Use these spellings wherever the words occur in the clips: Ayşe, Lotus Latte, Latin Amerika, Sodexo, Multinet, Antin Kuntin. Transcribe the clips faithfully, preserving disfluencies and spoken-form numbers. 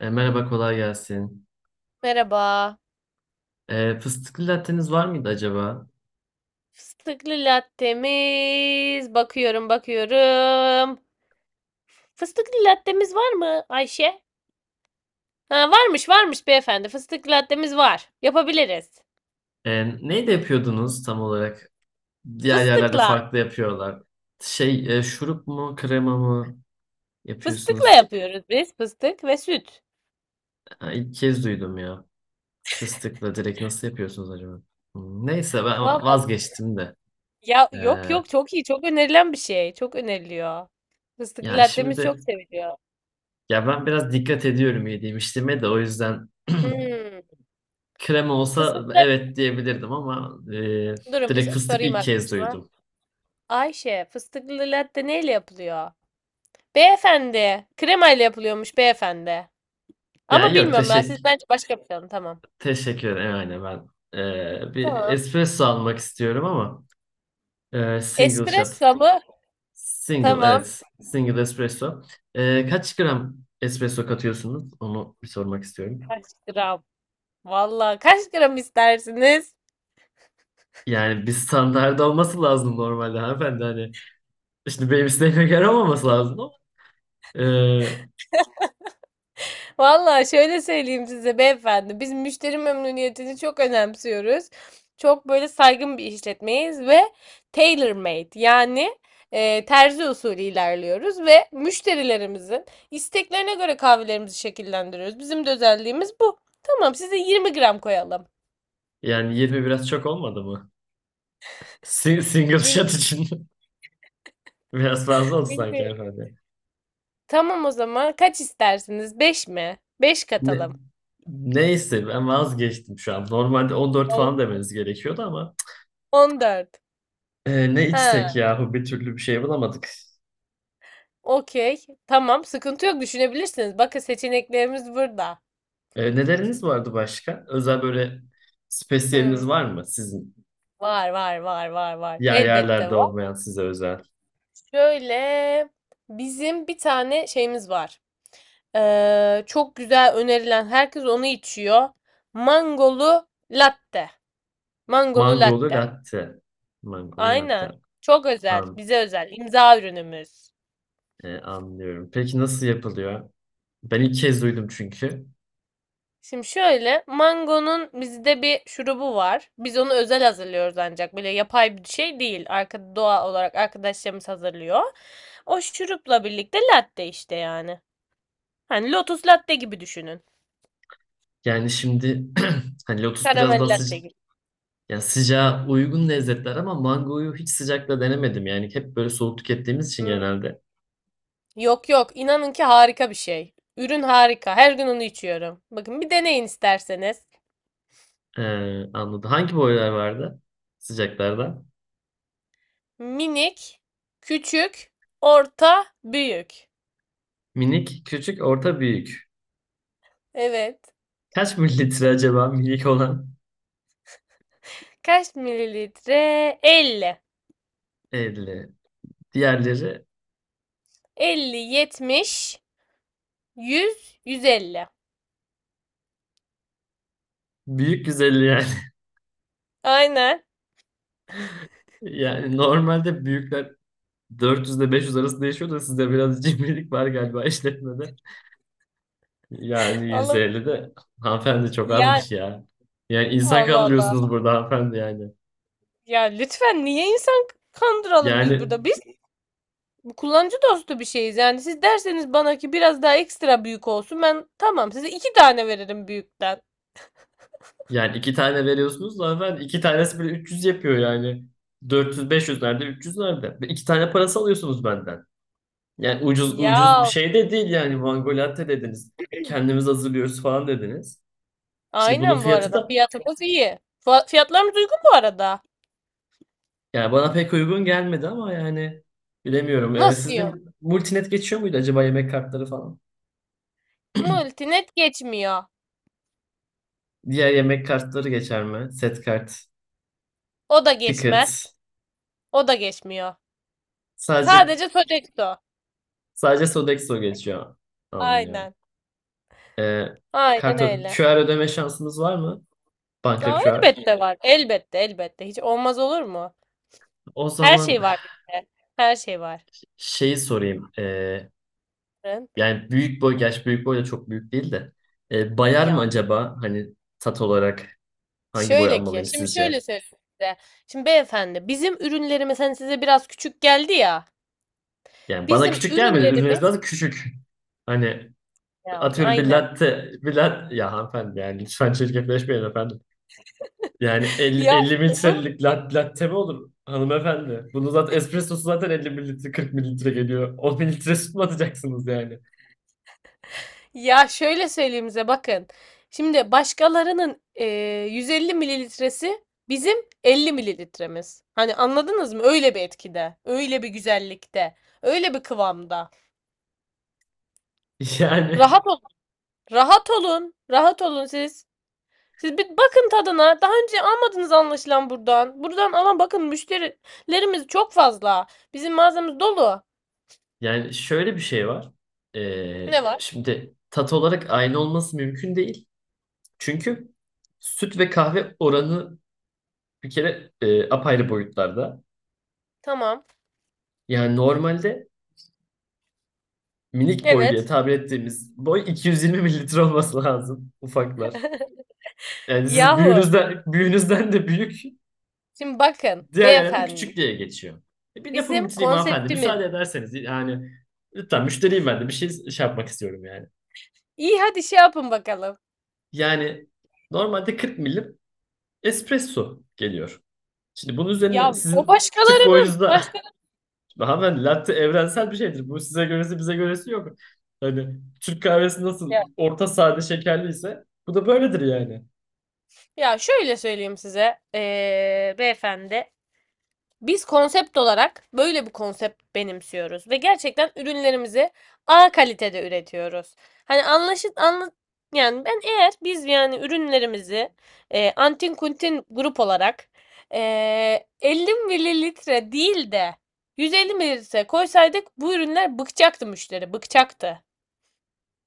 E, merhaba, kolay gelsin. Merhaba. E, fıstıklı latteniz var mıydı acaba? Fıstıklı lattemiz. Bakıyorum, bakıyorum. Fıstıklı lattemiz var mı Ayşe? Ha, varmış, varmış beyefendi. Fıstıklı lattemiz var. Yapabiliriz. E, neyle yapıyordunuz tam olarak? Diğer yerlerde Fıstıkla. farklı yapıyorlar. Şey, e, şurup mu, krema mı Fıstıkla yapıyorsunuz? yapıyoruz biz. Fıstık ve süt. Ha, İlk kez duydum ya. Fıstıkla direkt nasıl yapıyorsunuz acaba? Hmm, Neyse ben Vallahi vazgeçtim de. ya, E, yok yok, çok iyi. Çok önerilen bir şey. Çok öneriliyor. Fıstıklı Ya lattemiz çok şimdi seviliyor. ya ben biraz dikkat ediyorum yediğim içtiğime de o yüzden Hmm. krema olsa Fıstıklı evet diyebilirdim ama e, durun bir direkt fıstık sorayım ilk kez arkadaşıma. duydum. Ayşe, fıstıklı latte neyle yapılıyor? Beyefendi. Kremayla yapılıyormuş beyefendi. Ya Ama yok. bilmiyorum ben. Siz teşekkür bence başka bir şey alın. Tamam. Teşekkür ederim. Aynen ben e, bir Tamam. espresso almak istiyorum ama e, single shot. Espresso mu? Single Tamam. evet. Single espresso. E, kaç gram espresso katıyorsunuz? Onu bir sormak istiyorum. Kaç gram? Vallahi kaç gram istersiniz? Yani bir standart olması lazım normalde hanımefendi. Hani şimdi benim isteğime göre olmaması lazım ama e, Vallahi şöyle söyleyeyim size beyefendi, biz müşteri memnuniyetini çok önemsiyoruz. Çok böyle saygın bir işletmeyiz ve tailor-made, yani e, terzi usulü ilerliyoruz ve müşterilerimizin isteklerine göre kahvelerimizi şekillendiriyoruz. Bizim de özelliğimiz bu. Tamam, size yirmi gram koyalım. yani yirmi biraz çok olmadı mı? Si- single Bil- shot için biraz fazla oldu sanki Bilmiyorum. hanımefendi. Tamam, o zaman kaç istersiniz? Beş mi? Beş Ne- katalım. neyse ben vazgeçtim şu an. Normalde on dört falan On- demeniz gerekiyordu ama 14. Ee, ne Ha, içsek yahu bir türlü bir şey bulamadık. okey. Tamam, sıkıntı yok, düşünebilirsiniz. Bakın, seçeneklerimiz burada. Ee, neleriniz vardı başka? Özel böyle spesiyeliniz Hımm, var mı sizin? var, var, var, var, var. Diğer Elbette yerlerde var. olmayan size özel. Şöyle, bizim bir tane şeyimiz var. Eee, çok güzel önerilen, herkes onu içiyor. Mangolu latte. Mangolu Mangolu latte. latte. Mangolu latte. Aynen. Çok özel, An- bize özel, imza ürünümüz. e, anlıyorum. Peki nasıl yapılıyor? Ben ilk kez duydum çünkü. Şimdi şöyle, mangonun bizde bir şurubu var. Biz onu özel hazırlıyoruz ancak. Böyle yapay bir şey değil. Arka, doğal olarak arkadaşlarımız hazırlıyor. O şurupla birlikte latte işte yani. Hani Lotus Latte gibi düşünün. Yani şimdi hani lotus biraz Karamel daha latte sıca gibi. yani sıcağa uygun lezzetler ama mangoyu hiç sıcakla denemedim. Yani hep böyle soğuk tükettiğimiz için Hı. genelde. Yok yok, inanın ki harika bir şey. Ürün harika. Her gün onu içiyorum. Bakın bir deneyin isterseniz. Ee, Anladım. Hangi boylar vardı sıcaklarda? Minik, küçük, orta, büyük. Minik, küçük, orta, büyük. Evet. Kaç mililitre acaba minik olan? Kaç mililitre? elli. elli. Diğerleri elli, yetmiş, yüz, yüz elli. büyük yüz elli yani. Aynen. Yani normalde büyükler dört yüz ile beş yüz arası değişiyor da sizde biraz cimrilik var galiba işletmede. Yani Alın. yüz elli de hanımefendi çok Ya azmış ya. Yani insan Allah Allah. kandırıyorsunuz burada hanımefendi yani. Ya lütfen niye insan kandıralım biz Yani burada? Biz kullanıcı dostu bir şeyiz. Yani siz derseniz bana ki biraz daha ekstra büyük olsun. Ben tamam, size iki tane veririm büyükten. yani iki tane veriyorsunuz da hanımefendi iki tanesi bile üç yüz yapıyor yani. dört yüz beş yüz nerede üç yüz nerede? Ve İki tane parası alıyorsunuz benden. Yani ucuz ucuz bir Ya şey de değil yani mango latte dediniz. Kendimiz hazırlıyoruz falan dediniz. Şimdi bunun aynen bu fiyatı arada. da Fiyatımız iyi. Fa- Fiyatlarımız uygun bu arada. yani bana pek uygun gelmedi ama yani bilemiyorum. Ee, Nasıl Sizde yok? multinet geçiyor muydu acaba yemek kartları falan? Multinet geçmiyor. Diğer yemek kartları geçer mi? Set kart, O da ticket. geçmez. O da geçmiyor. Sadece Sadece Sodexo. sadece Sodexo geçiyor. Anlıyorum. Aynen. Ee, Aynen Kart ö- öyle. Q R ödeme şansımız var mı? Banka Aa, Q R. elbette var. Elbette, elbette. Hiç olmaz olur mu? O Her zaman şey var bizde. Her şey var. şeyi sorayım. Ee, yani büyük boy, gerçi büyük boy da çok büyük değil de. Ee, bayar mı Ya. acaba? Hani tat olarak hangi boy Şöyle ki, almalıyım şimdi sizce? şöyle söyleyeyim size. Şimdi beyefendi, bizim ürünlerimiz hani size biraz küçük geldi ya. Yani bana Bizim küçük gelmedi. Ürününüz ürünlerimiz biraz küçük. Hani ya atıyorum bir aynen. latte, bir latte. Ya hanımefendi yani lütfen çirkefleşmeyin efendim. Yani elli, Ya elli olur mu? mililitrelik lat, latte mi olur hanımefendi? Bunu zaten espressosu zaten elli mililitre kırk mililitre geliyor. on mililitre süt mü atacaksınız yani? Ya şöyle söyleyeyim size bakın. Şimdi başkalarının e, yüz elli mililitresi bizim elli mililitremiz. Hani anladınız mı? Öyle bir etkide, öyle bir güzellikte, öyle bir kıvamda. Yani Rahat olun. Rahat olun. Rahat olun siz. Siz bir bakın tadına. Daha önce almadınız anlaşılan buradan. Buradan alan, bakın, müşterilerimiz çok fazla. Bizim mağazamız dolu. yani şöyle bir şey var. Ee, Ne var? Şimdi tat olarak aynı olması mümkün değil. Çünkü süt ve kahve oranı bir kere e, apayrı boyutlarda. Tamam. Yani normalde minik boy diye Evet. tabir ettiğimiz boy iki yüz yirmi mililitre olması lazım ufaklar. Yani sizin Yahu. büyüğünüzden, büyüğünüzden de büyük. Şimdi bakın Diğer yerlerde beyefendi. küçük diye geçiyor. E, bir lafımı Bizim bitireyim hanımefendi. konseptimiz. Müsaade ederseniz yani lütfen müşteriyim ben de bir şey, şey yapmak istiyorum yani. İyi, hadi şey yapın bakalım. Yani normalde kırk milim espresso geliyor. Şimdi bunun üzerine Ya o sizin küçük başkalarının. boyunuzda. Başka Şimdi hanımefendi latte evrensel bir şeydir. Bu size göresi bize göresi yok. Hani Türk kahvesi nasıl ya, orta sade şekerliyse bu da böyledir yani. ya şöyle söyleyeyim size. Ee, beyefendi. Biz konsept olarak böyle bir konsept benimsiyoruz ve gerçekten ürünlerimizi A kalitede üretiyoruz. Hani anlaşıl anla yani ben eğer biz yani ürünlerimizi eee, Antin Kuntin grup olarak eee elli mililitre değil de yüz elli mililitre koysaydık bu ürünler bıkacaktı müşteri, bıkacaktı.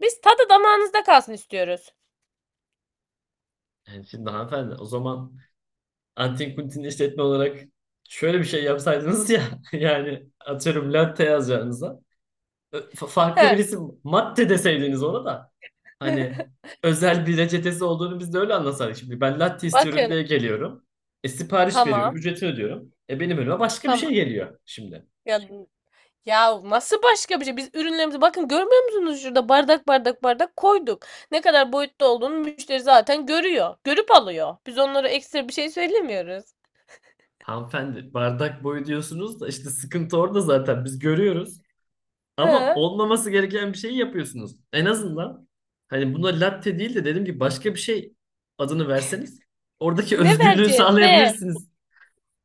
Biz tadı damağınızda kalsın istiyoruz. Yani şimdi hanımefendi o zaman Antin Kuntin işletme olarak şöyle bir şey yapsaydınız ya, yani atıyorum latte yazacağınıza Ö- Fa- farklı He. birisi matte deseydiniz ona da hani özel bir reçetesi olduğunu biz de öyle anlasaydık. Şimdi ben latte istiyorum Bakın, diye geliyorum. E sipariş veriyorum, tamam ücretini ödüyorum. E benim önüme başka bir tamam. şey geliyor şimdi. Ya Ya nasıl başka bir şey? Biz ürünlerimizi, bakın, görmüyor musunuz şurada bardak bardak bardak koyduk. Ne kadar boyutta olduğunu müşteri zaten görüyor. Görüp alıyor. Biz onlara ekstra bir şey söylemiyoruz. Hanımefendi bardak boyu diyorsunuz da işte sıkıntı orada zaten biz görüyoruz. Ama Ha? olmaması gereken bir şeyi yapıyorsunuz. En azından hani buna latte değil de dedim ki başka bir şey adını verseniz oradaki Ne özgürlüğü vereceğiz? Ne? sağlayabilirsiniz.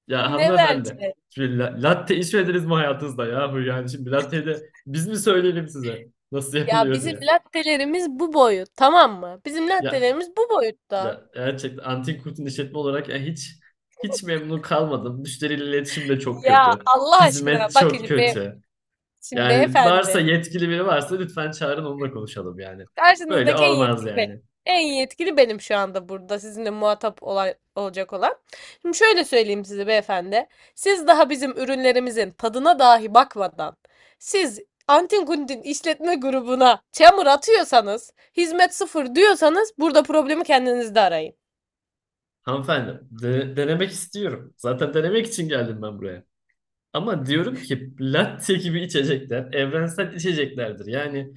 Ya Ne hanımefendi. vereceğiz? Şimdi la- latte içmediniz mi hayatınızda ya? Yani şimdi latteyi de biz mi söyleyelim size nasıl Ya yapılıyor bizim diye. lattelerimiz bu boyut, tamam mı? Bizim Ya lattelerimiz bu boyutta. ya gerçekten Antin Kurt'un işletme olarak ya hiç hiç memnun kalmadım. Müşteriyle iletişim de çok Ya kötü. Allah aşkına Hizmet çok bakın be, kötü. şimdi Yani beyefendi varsa yetkili biri varsa lütfen çağırın onunla konuşalım yani. Böyle karşınızdaki en yetkili olmaz benim. yani. En yetkili benim şu anda burada sizinle muhatap olay, olacak olan. Şimdi şöyle söyleyeyim size beyefendi. Siz daha bizim ürünlerimizin tadına dahi bakmadan siz Antin Kuntin işletme grubuna çamur atıyorsanız, hizmet sıfır diyorsanız, burada problemi kendinizde arayın. Hanımefendi, de- denemek istiyorum. Zaten denemek için geldim ben buraya. Ama diyorum ki latte gibi içecekler evrensel içeceklerdir. Yani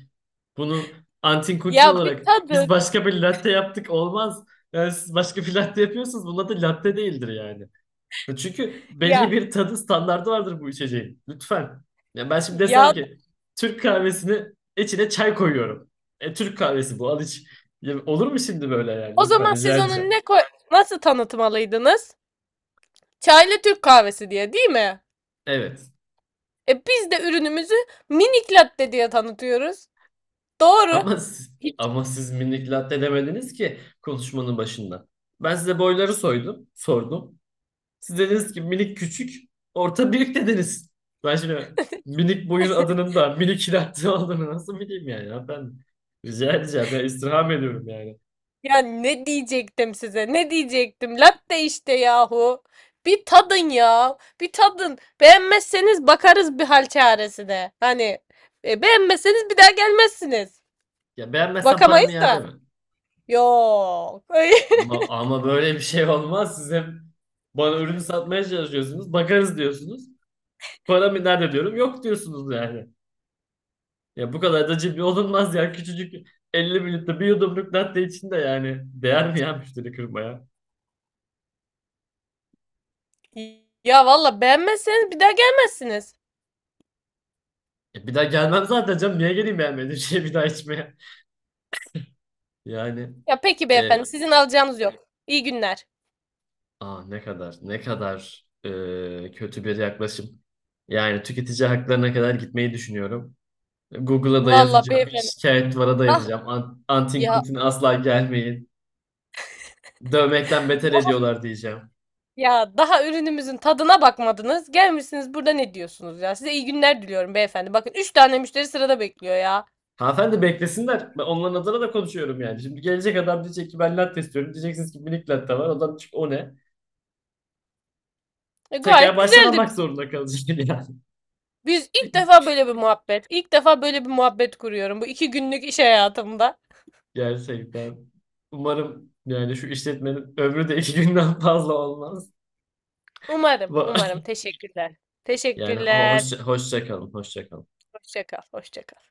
bunu antin kuntin Ya bir olarak biz tadın başka bir latte yaptık olmaz. Yani siz başka bir latte yapıyorsunuz. Bunun adı latte değildir yani. E çünkü ya, belli bir tadı standardı vardır bu içeceğin. Lütfen. Ya ben şimdi desem ya ki Türk kahvesini içine çay koyuyorum. E, Türk kahvesi bu, al iç. Ya olur mu şimdi böyle yani? o Lütfen zaman rica siz onu edeceğim. ne koy nasıl tanıtmalıydınız? Çaylı Türk kahvesi diye değil mi? Evet. E biz de ürünümüzü minik latte diye tanıtıyoruz. Doğru. Ama siz, Hiç ama siz minik latte demediniz ki konuşmanın başında. Ben size boyları soydum, sordum. Siz dediniz ki minik, küçük, orta, büyük dediniz. Ben şimdi minik boyun adının da minik latte olduğunu nasıl bileyim yani? Ya ben rica edeceğim ya istirham ediyorum yani. ya, ne diyecektim size? Ne diyecektim? Latte işte yahu. Bir tadın ya. Bir tadın. Beğenmezseniz bakarız bir hal çaresi. Hani, e, beğenmezseniz bir daha gelmezsiniz. Ya beğenmezsen paramı Bakamayız iade da. mi? Yok. Ama, ama böyle bir şey olmaz. Siz hep bana ürünü satmaya çalışıyorsunuz. Bakarız diyorsunuz. Paramı nerede diyorum. Yok diyorsunuz yani. Ya bu kadar da cimri olunmaz ya. Küçücük elli mililitre bir yudumluk latte içinde yani. Değer mi ya müşteri kırmaya? Ya valla, beğenmezseniz bir daha gelmezsiniz. E bir daha gelmem zaten canım. Niye geleyim beğenmediğim şeyi bir daha içmeye? Yani Ya peki beyefendi, e, sizin alacağınız yok. İyi günler. aa ne kadar, ne kadar e, kötü bir yaklaşım. Yani tüketici haklarına kadar gitmeyi düşünüyorum. Google'a da Valla yazacağım. beyefendi. Şikayet duvara da Ah yazacağım. An Antin ya, Kuntin asla gelmeyin. Dövmekten beter ediyorlar diyeceğim. ya daha ürünümüzün tadına bakmadınız. Gelmişsiniz burada ne diyorsunuz ya? Size iyi günler diliyorum beyefendi. Bakın, üç tane müşteri sırada bekliyor ya. Hanımefendi beklesinler. Ben onların adına da konuşuyorum yani. Şimdi gelecek adam diyecek ki ben latte istiyorum. Diyeceksiniz ki minik latte var. Adam diyecek o ne? E, gayet Tekrar baştan güzeldi. almak zorunda kalacak yani. Biz ilk defa böyle bir muhabbet. İlk defa böyle bir muhabbet kuruyorum bu iki günlük iş hayatımda. Gerçekten. Umarım yani şu işletmenin ömrü de iki günden fazla olmaz. Umarım, umarım. Teşekkürler. Yani ho- Teşekkürler. hoşça, hoşça kalın, hoşça kalın. Hoşça kal, hoşça kal.